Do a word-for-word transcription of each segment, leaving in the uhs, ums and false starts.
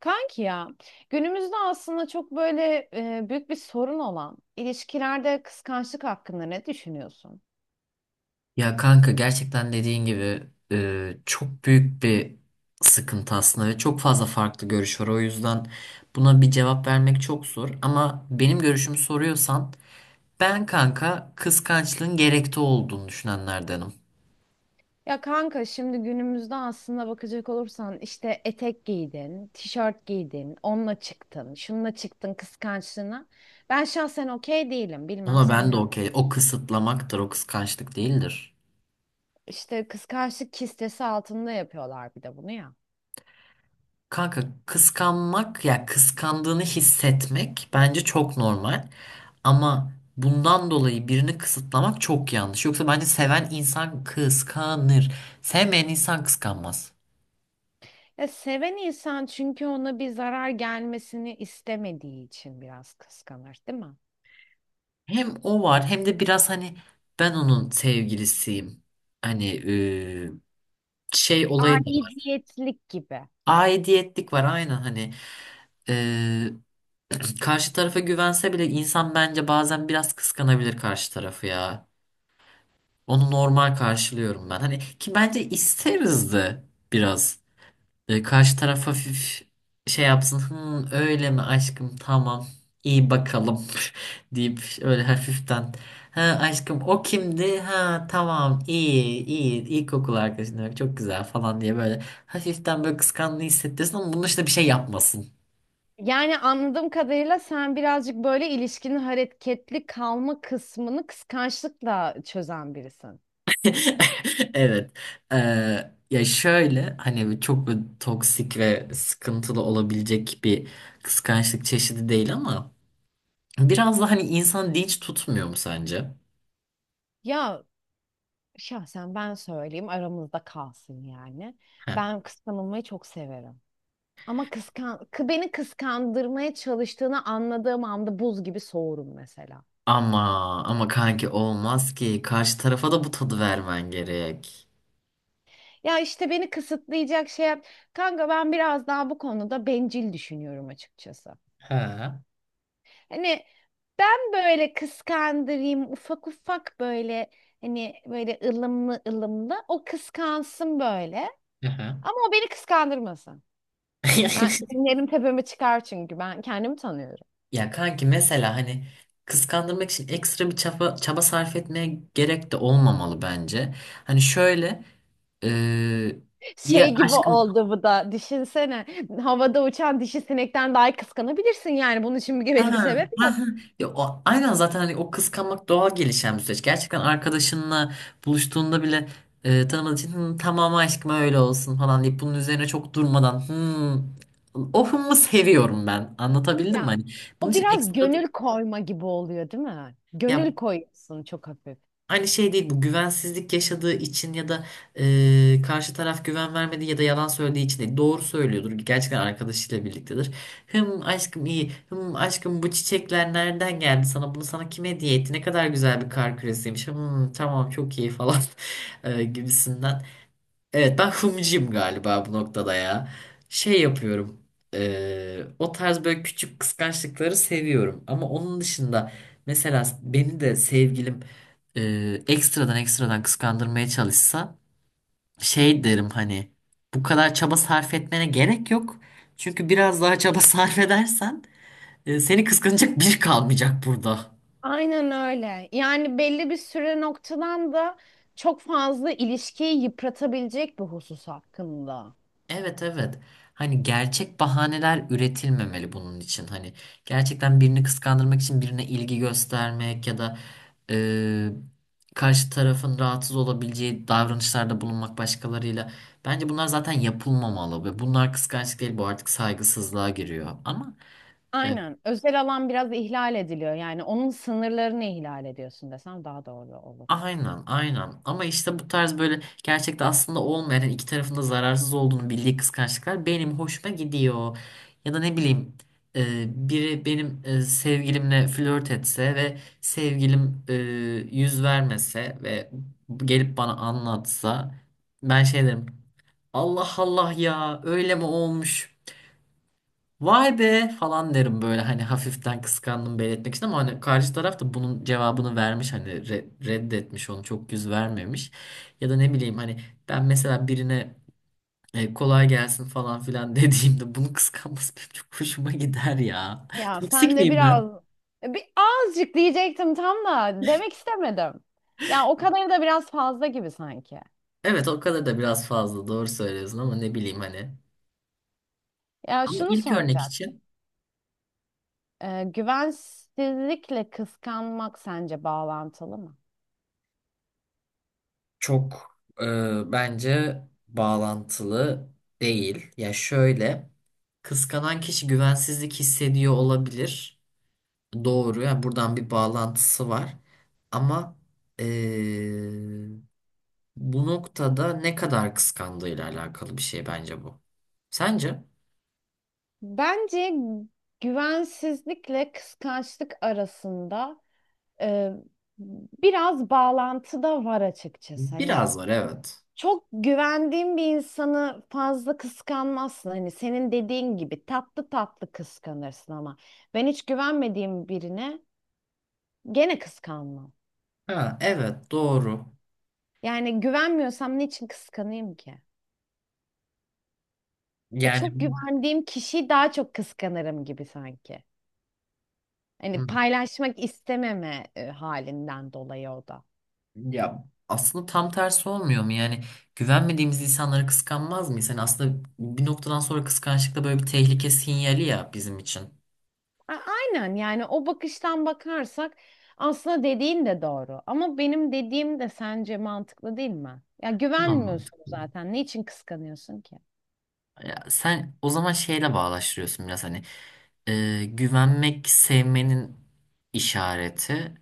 Kanki ya, günümüzde aslında çok böyle e, büyük bir sorun olan ilişkilerde kıskançlık hakkında ne düşünüyorsun? Ya kanka gerçekten dediğin gibi e, çok büyük bir sıkıntı aslında ve çok fazla farklı görüş var. O yüzden buna bir cevap vermek çok zor. Ama benim görüşümü soruyorsan ben kanka kıskançlığın gerekli olduğunu düşünenlerdenim. Ya kanka, şimdi günümüzde aslında bakacak olursan işte etek giydin, tişört giydin, onunla çıktın, şununla çıktın kıskançlığına. Ben şahsen okey değilim. Bilmem Ona sen ben de ne okey. düşünürsün. O kısıtlamaktır, o kıskançlık değildir. İşte kıskançlık kistesi altında yapıyorlar bir de bunu ya. Kanka kıskanmak ya kıskandığını hissetmek bence çok normal. Ama bundan dolayı birini kısıtlamak çok yanlış. Yoksa bence seven insan kıskanır. Sevmeyen insan kıskanmaz. Ya seven insan, çünkü ona bir zarar gelmesini istemediği için biraz kıskanır, değil mi? Hem o var hem de biraz hani ben onun sevgilisiyim. Hani eee, şey olayı da var. Aidiyetlik gibi. Aidiyetlik var aynen hani. eee, Karşı tarafa güvense bile insan bence bazen biraz kıskanabilir karşı tarafı ya. Onu normal karşılıyorum ben. Hani ki bence isteriz de biraz. E, karşı taraf hafif şey yapsın. Hı, öyle mi aşkım tamam iyi bakalım deyip öyle hafiften. Ha aşkım o kimdi? Ha tamam iyi iyi ilkokul arkadaşın öyle çok güzel falan diye böyle hafiften böyle kıskandığı hissettirsin ama bunun işte bir şey yapmasın. Yani anladığım kadarıyla sen birazcık böyle ilişkinin hareketli kalma kısmını kıskançlıkla çözen birisin. Evet. Ee, ya şöyle hani çok böyle toksik ve sıkıntılı olabilecek bir kıskançlık çeşidi değil ama biraz da hani insan dinç tutmuyor mu sence? Ya şahsen ben söyleyeyim, aramızda kalsın yani. Heh. Ben kıskanılmayı çok severim. Ama kıskan kı- beni kıskandırmaya çalıştığını anladığım anda buz gibi soğurum mesela. Ama ama kanki olmaz ki karşı tarafa da bu tadı vermen gerek. Ya işte beni kısıtlayacak şey yap. Kanka ben biraz daha bu konuda bencil düşünüyorum açıkçası. Ha. Hani ben böyle kıskandırayım ufak ufak, böyle hani böyle ılımlı ılımlı o kıskansın böyle, Aha. ama o beni kıskandırmasın. Ben dinlerim, tepeme çıkar çünkü ben kendimi tanıyorum. Ya kanki mesela hani kıskandırmak için ekstra bir çaba, çaba sarf etmeye gerek de olmamalı bence. Hani şöyle. Eee ya Şey gibi aşkım. oldu bu da, düşünsene, havada uçan dişi sinekten daha kıskanabilirsin yani, bunun için bir Ha, belli bir ha, sebep yok. ha. Ya, o, aynen zaten hani o kıskanmak doğal gelişen bir süreç. Gerçekten arkadaşınla buluştuğunda bile e, tanımadığı için "Hı, tamam aşkım öyle olsun falan deyip bunun üzerine çok durmadan "Hı, o hımı seviyorum ben. Anlatabildim mi? Ya Hani bunun o için biraz ekstra gönül koyma gibi oluyor değil mi? ya. Gönül koyuyorsun çok hafif. Aynı şey değil bu, güvensizlik yaşadığı için ya da e, karşı taraf güven vermediği ya da yalan söylediği için değil. Doğru söylüyordur. Gerçekten arkadaşıyla birliktedir. Hım aşkım iyi. Hım aşkım bu çiçekler nereden geldi sana? Bunu sana kim hediye etti? Ne kadar güzel bir kar küresiymiş. Hım tamam çok iyi falan e, gibisinden. Evet ben hımcıyım galiba bu noktada ya. Şey yapıyorum. eee, o tarz böyle küçük kıskançlıkları seviyorum. Ama onun dışında mesela beni de sevgilim eee, ekstradan ekstradan kıskandırmaya çalışsa şey derim hani bu kadar çaba sarf etmene gerek yok. Çünkü biraz daha çaba sarf edersen e, seni kıskanacak biri kalmayacak burada. Aynen öyle. Yani belli bir süre noktadan da çok fazla ilişkiyi yıpratabilecek bir husus hakkında. Evet evet. Hani gerçek bahaneler üretilmemeli bunun için. Hani gerçekten birini kıskandırmak için birine ilgi göstermek ya da e, karşı tarafın rahatsız olabileceği davranışlarda bulunmak başkalarıyla. Bence bunlar zaten yapılmamalı ve bunlar kıskançlık değil, bu artık saygısızlığa giriyor. Ama Aynen. Özel alan biraz ihlal ediliyor. Yani onun sınırlarını ihlal ediyorsun desem daha doğru olur. aynen, aynen. Ama işte bu tarz böyle gerçekte aslında olmayan yani iki tarafında zararsız olduğunu bildiği kıskançlıklar benim hoşuma gidiyor. Ya da ne bileyim e, biri benim e, sevgilimle flört etse ve sevgilim e, yüz vermese ve gelip bana anlatsa ben şey derim, Allah Allah ya öyle mi olmuş. Vay be falan derim böyle hani, hafiften kıskandım belirtmek için ama hani karşı taraf da bunun cevabını vermiş, hani re- reddetmiş onu, çok yüz vermemiş. Ya da ne bileyim hani ben mesela birine e, kolay gelsin falan filan dediğimde bunu kıskanması benim çok hoşuma gider ya. Ya Toksik sen de miyim ben? biraz e, bir azıcık diyecektim, tam da demek istemedim. Ya o kadarı da biraz fazla gibi sanki. Evet o kadar da biraz fazla, doğru söylüyorsun ama ne bileyim hani. Ya Ama şunu ilk örnek soracak. için Ee, güvensizlikle kıskanmak sence bağlantılı mı? çok e, bence bağlantılı değil. Ya şöyle, kıskanan kişi güvensizlik hissediyor olabilir. Doğru. Yani buradan bir bağlantısı var. Ama e, bu noktada ne kadar kıskandığıyla alakalı bir şey bence bu. Sence? Bence güvensizlikle kıskançlık arasında e, biraz bağlantı da var açıkçası. Hani Biraz var, evet. çok güvendiğin bir insanı fazla kıskanmazsın. Hani senin dediğin gibi tatlı tatlı kıskanırsın, ama ben hiç güvenmediğim birine gene kıskanmam. Ha evet doğru. Yani güvenmiyorsam niçin kıskanayım ki? E, Yani. çok güvendiğim kişiyi daha çok kıskanırım gibi sanki. Hani Hı. paylaşmak istememe e, halinden dolayı o da. Ya aslında tam tersi olmuyor mu? Yani güvenmediğimiz insanları kıskanmaz mıyız? Yani aslında bir noktadan sonra kıskançlık da böyle bir tehlike sinyali ya bizim için. A- aynen, yani o bakıştan bakarsak aslında dediğin de doğru. Ama benim dediğim de sence mantıklı değil mi? Ya Bu da güvenmiyorsun mantıklı. zaten. Niçin kıskanıyorsun ki? Ya sen o zaman şeyle bağdaştırıyorsun biraz hani, e, güvenmek sevmenin işareti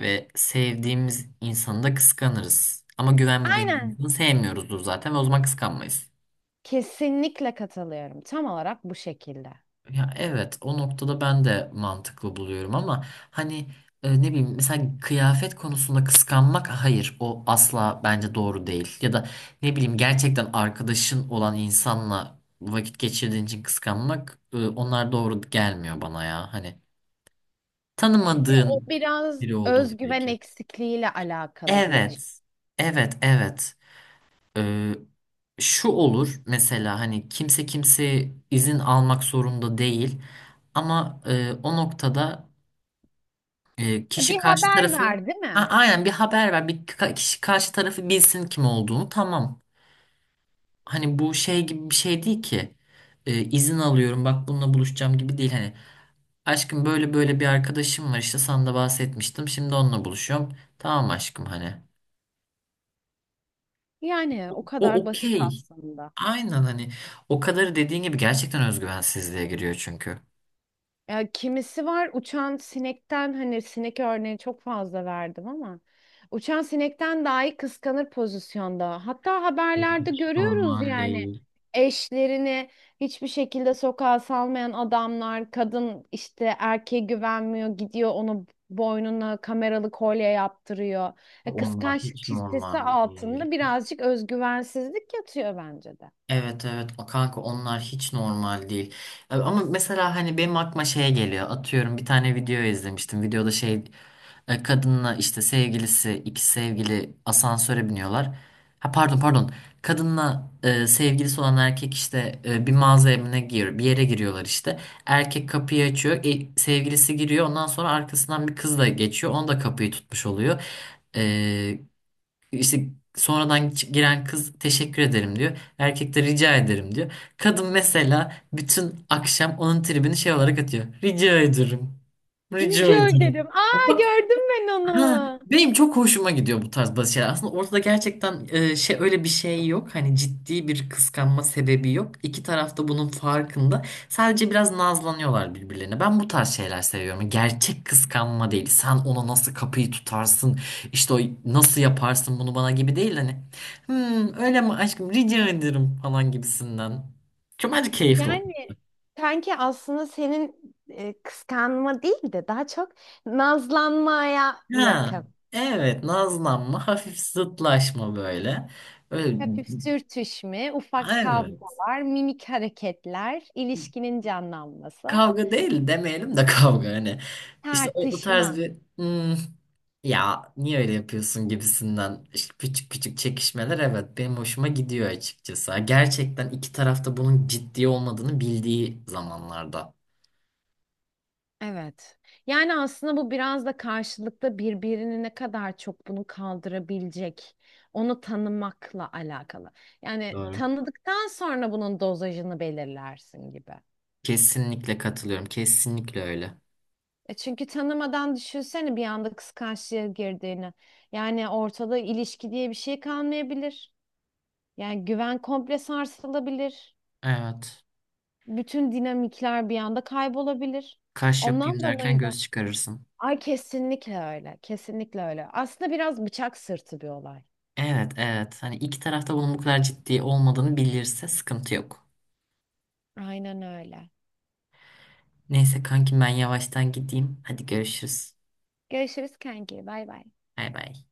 ve sevdiğimiz insanı da kıskanırız. Ama güvenmediğimiz Aynen. insanı sevmiyoruzdur zaten ve o zaman kıskanmayız. Kesinlikle katılıyorum. Tam olarak bu şekilde. Ya evet o noktada ben de mantıklı buluyorum ama hani e, ne bileyim mesela kıyafet konusunda kıskanmak, hayır o asla bence doğru değil. Ya da ne bileyim gerçekten arkadaşın olan insanla vakit geçirdiğin için kıskanmak, e, onlar doğru gelmiyor bana ya. Hani Ya o tanımadığın biraz biri olduğunu özgüven belki. eksikliğiyle alakalı diye düşünüyorum. Evet. Evet, evet. Ee, şu olur mesela, hani kimse kimse izin almak zorunda değil ama e, o noktada e, Ya, kişi bir karşı haber tarafı. ver, değil A- mi? aynen bir haber ver, bir ka- kişi karşı tarafı bilsin kim olduğunu, tamam, hani bu şey gibi bir şey değil ki. E, izin alıyorum bak bununla buluşacağım gibi değil, hani aşkım böyle böyle bir arkadaşım var işte, sana da bahsetmiştim, şimdi onunla buluşuyorum, tamam aşkım hani, Yani o o kadar basit okey. aslında. Aynen hani o kadar, dediğin gibi gerçekten özgüvensizliğe giriyor çünkü. Ya kimisi var uçan sinekten, hani sinek örneği çok fazla verdim ama, uçan sinekten dahi kıskanır pozisyonda. Hatta Yok, haberlerde hiç görüyoruz normal yani, değil. eşlerini hiçbir şekilde sokağa salmayan adamlar, kadın işte erkeğe güvenmiyor, gidiyor onu boynuna kameralı kolye yaptırıyor. E, Onlar kıskançlık hiç kistesi normal değil. altında birazcık özgüvensizlik yatıyor bence de. Evet evet o kanka, onlar hiç normal değil. E, Ama mesela hani benim aklıma şey geliyor. Atıyorum bir tane video izlemiştim. Videoda şey e, kadınla işte sevgilisi, iki sevgili asansöre biniyorlar. Ha pardon pardon. Kadınla e, sevgilisi olan erkek işte e, bir mağaza evine gir bir yere giriyorlar işte. Erkek kapıyı açıyor. E, sevgilisi giriyor. Ondan sonra arkasından bir kız da geçiyor. Onu da kapıyı tutmuş oluyor. E, işte sonradan giren kız teşekkür ederim diyor. Erkek de rica ederim diyor. Kadın mesela bütün akşam onun tribini şey olarak atıyor. Rica ederim. Rica Rica ederim. ederim. Aa, gördüm ben Ha, onu. benim çok hoşuma gidiyor bu tarz bazı şeyler. Aslında ortada gerçekten e, şey öyle bir şey yok. Hani ciddi bir kıskanma sebebi yok. İki taraf da bunun farkında. Sadece biraz nazlanıyorlar birbirlerine. Ben bu tarz şeyler seviyorum. Gerçek kıskanma değil. Sen ona nasıl kapıyı tutarsın? İşte o, nasıl yaparsın bunu bana gibi değil. Hani "Hmm, öyle mi aşkım rica ederim falan gibisinden. Çok bence keyifli olur. Yani sanki aslında senin e, kıskanma değil de daha çok nazlanmaya Ha, yakın. evet nazlanma, hafif zıtlaşma böyle. Öyle, Hafif sürtüşme, ufak evet. kavgalar, mimik hareketler, ilişkinin canlanması, Kavga değil demeyelim de kavga hani. İşte o, o tarz tartışma. bir "Hmm, ya niye öyle yapıyorsun gibisinden, işte küçük küçük çekişmeler, evet benim hoşuma gidiyor açıkçası. Gerçekten iki tarafta bunun ciddi olmadığını bildiği zamanlarda. Evet. Yani aslında bu biraz da karşılıklı birbirini ne kadar çok bunu kaldırabilecek, onu tanımakla alakalı. Yani Doğru. tanıdıktan sonra bunun dozajını belirlersin gibi. Kesinlikle katılıyorum. Kesinlikle öyle. E, çünkü tanımadan düşünsene bir anda kıskançlığa girdiğini. Yani ortada ilişki diye bir şey kalmayabilir. Yani güven komple sarsılabilir. Evet. Bütün dinamikler bir anda kaybolabilir. Kaş Ondan yapayım derken dolayı da. göz çıkarırsın. Ay kesinlikle öyle. Kesinlikle öyle. Aslında biraz bıçak sırtı bir olay. Evet, evet. Hani iki tarafta bunun bu kadar ciddi olmadığını bilirse sıkıntı yok. Aynen öyle. Neyse kanki ben yavaştan gideyim. Hadi görüşürüz. Görüşürüz kanki. Bay bay. Bay bay.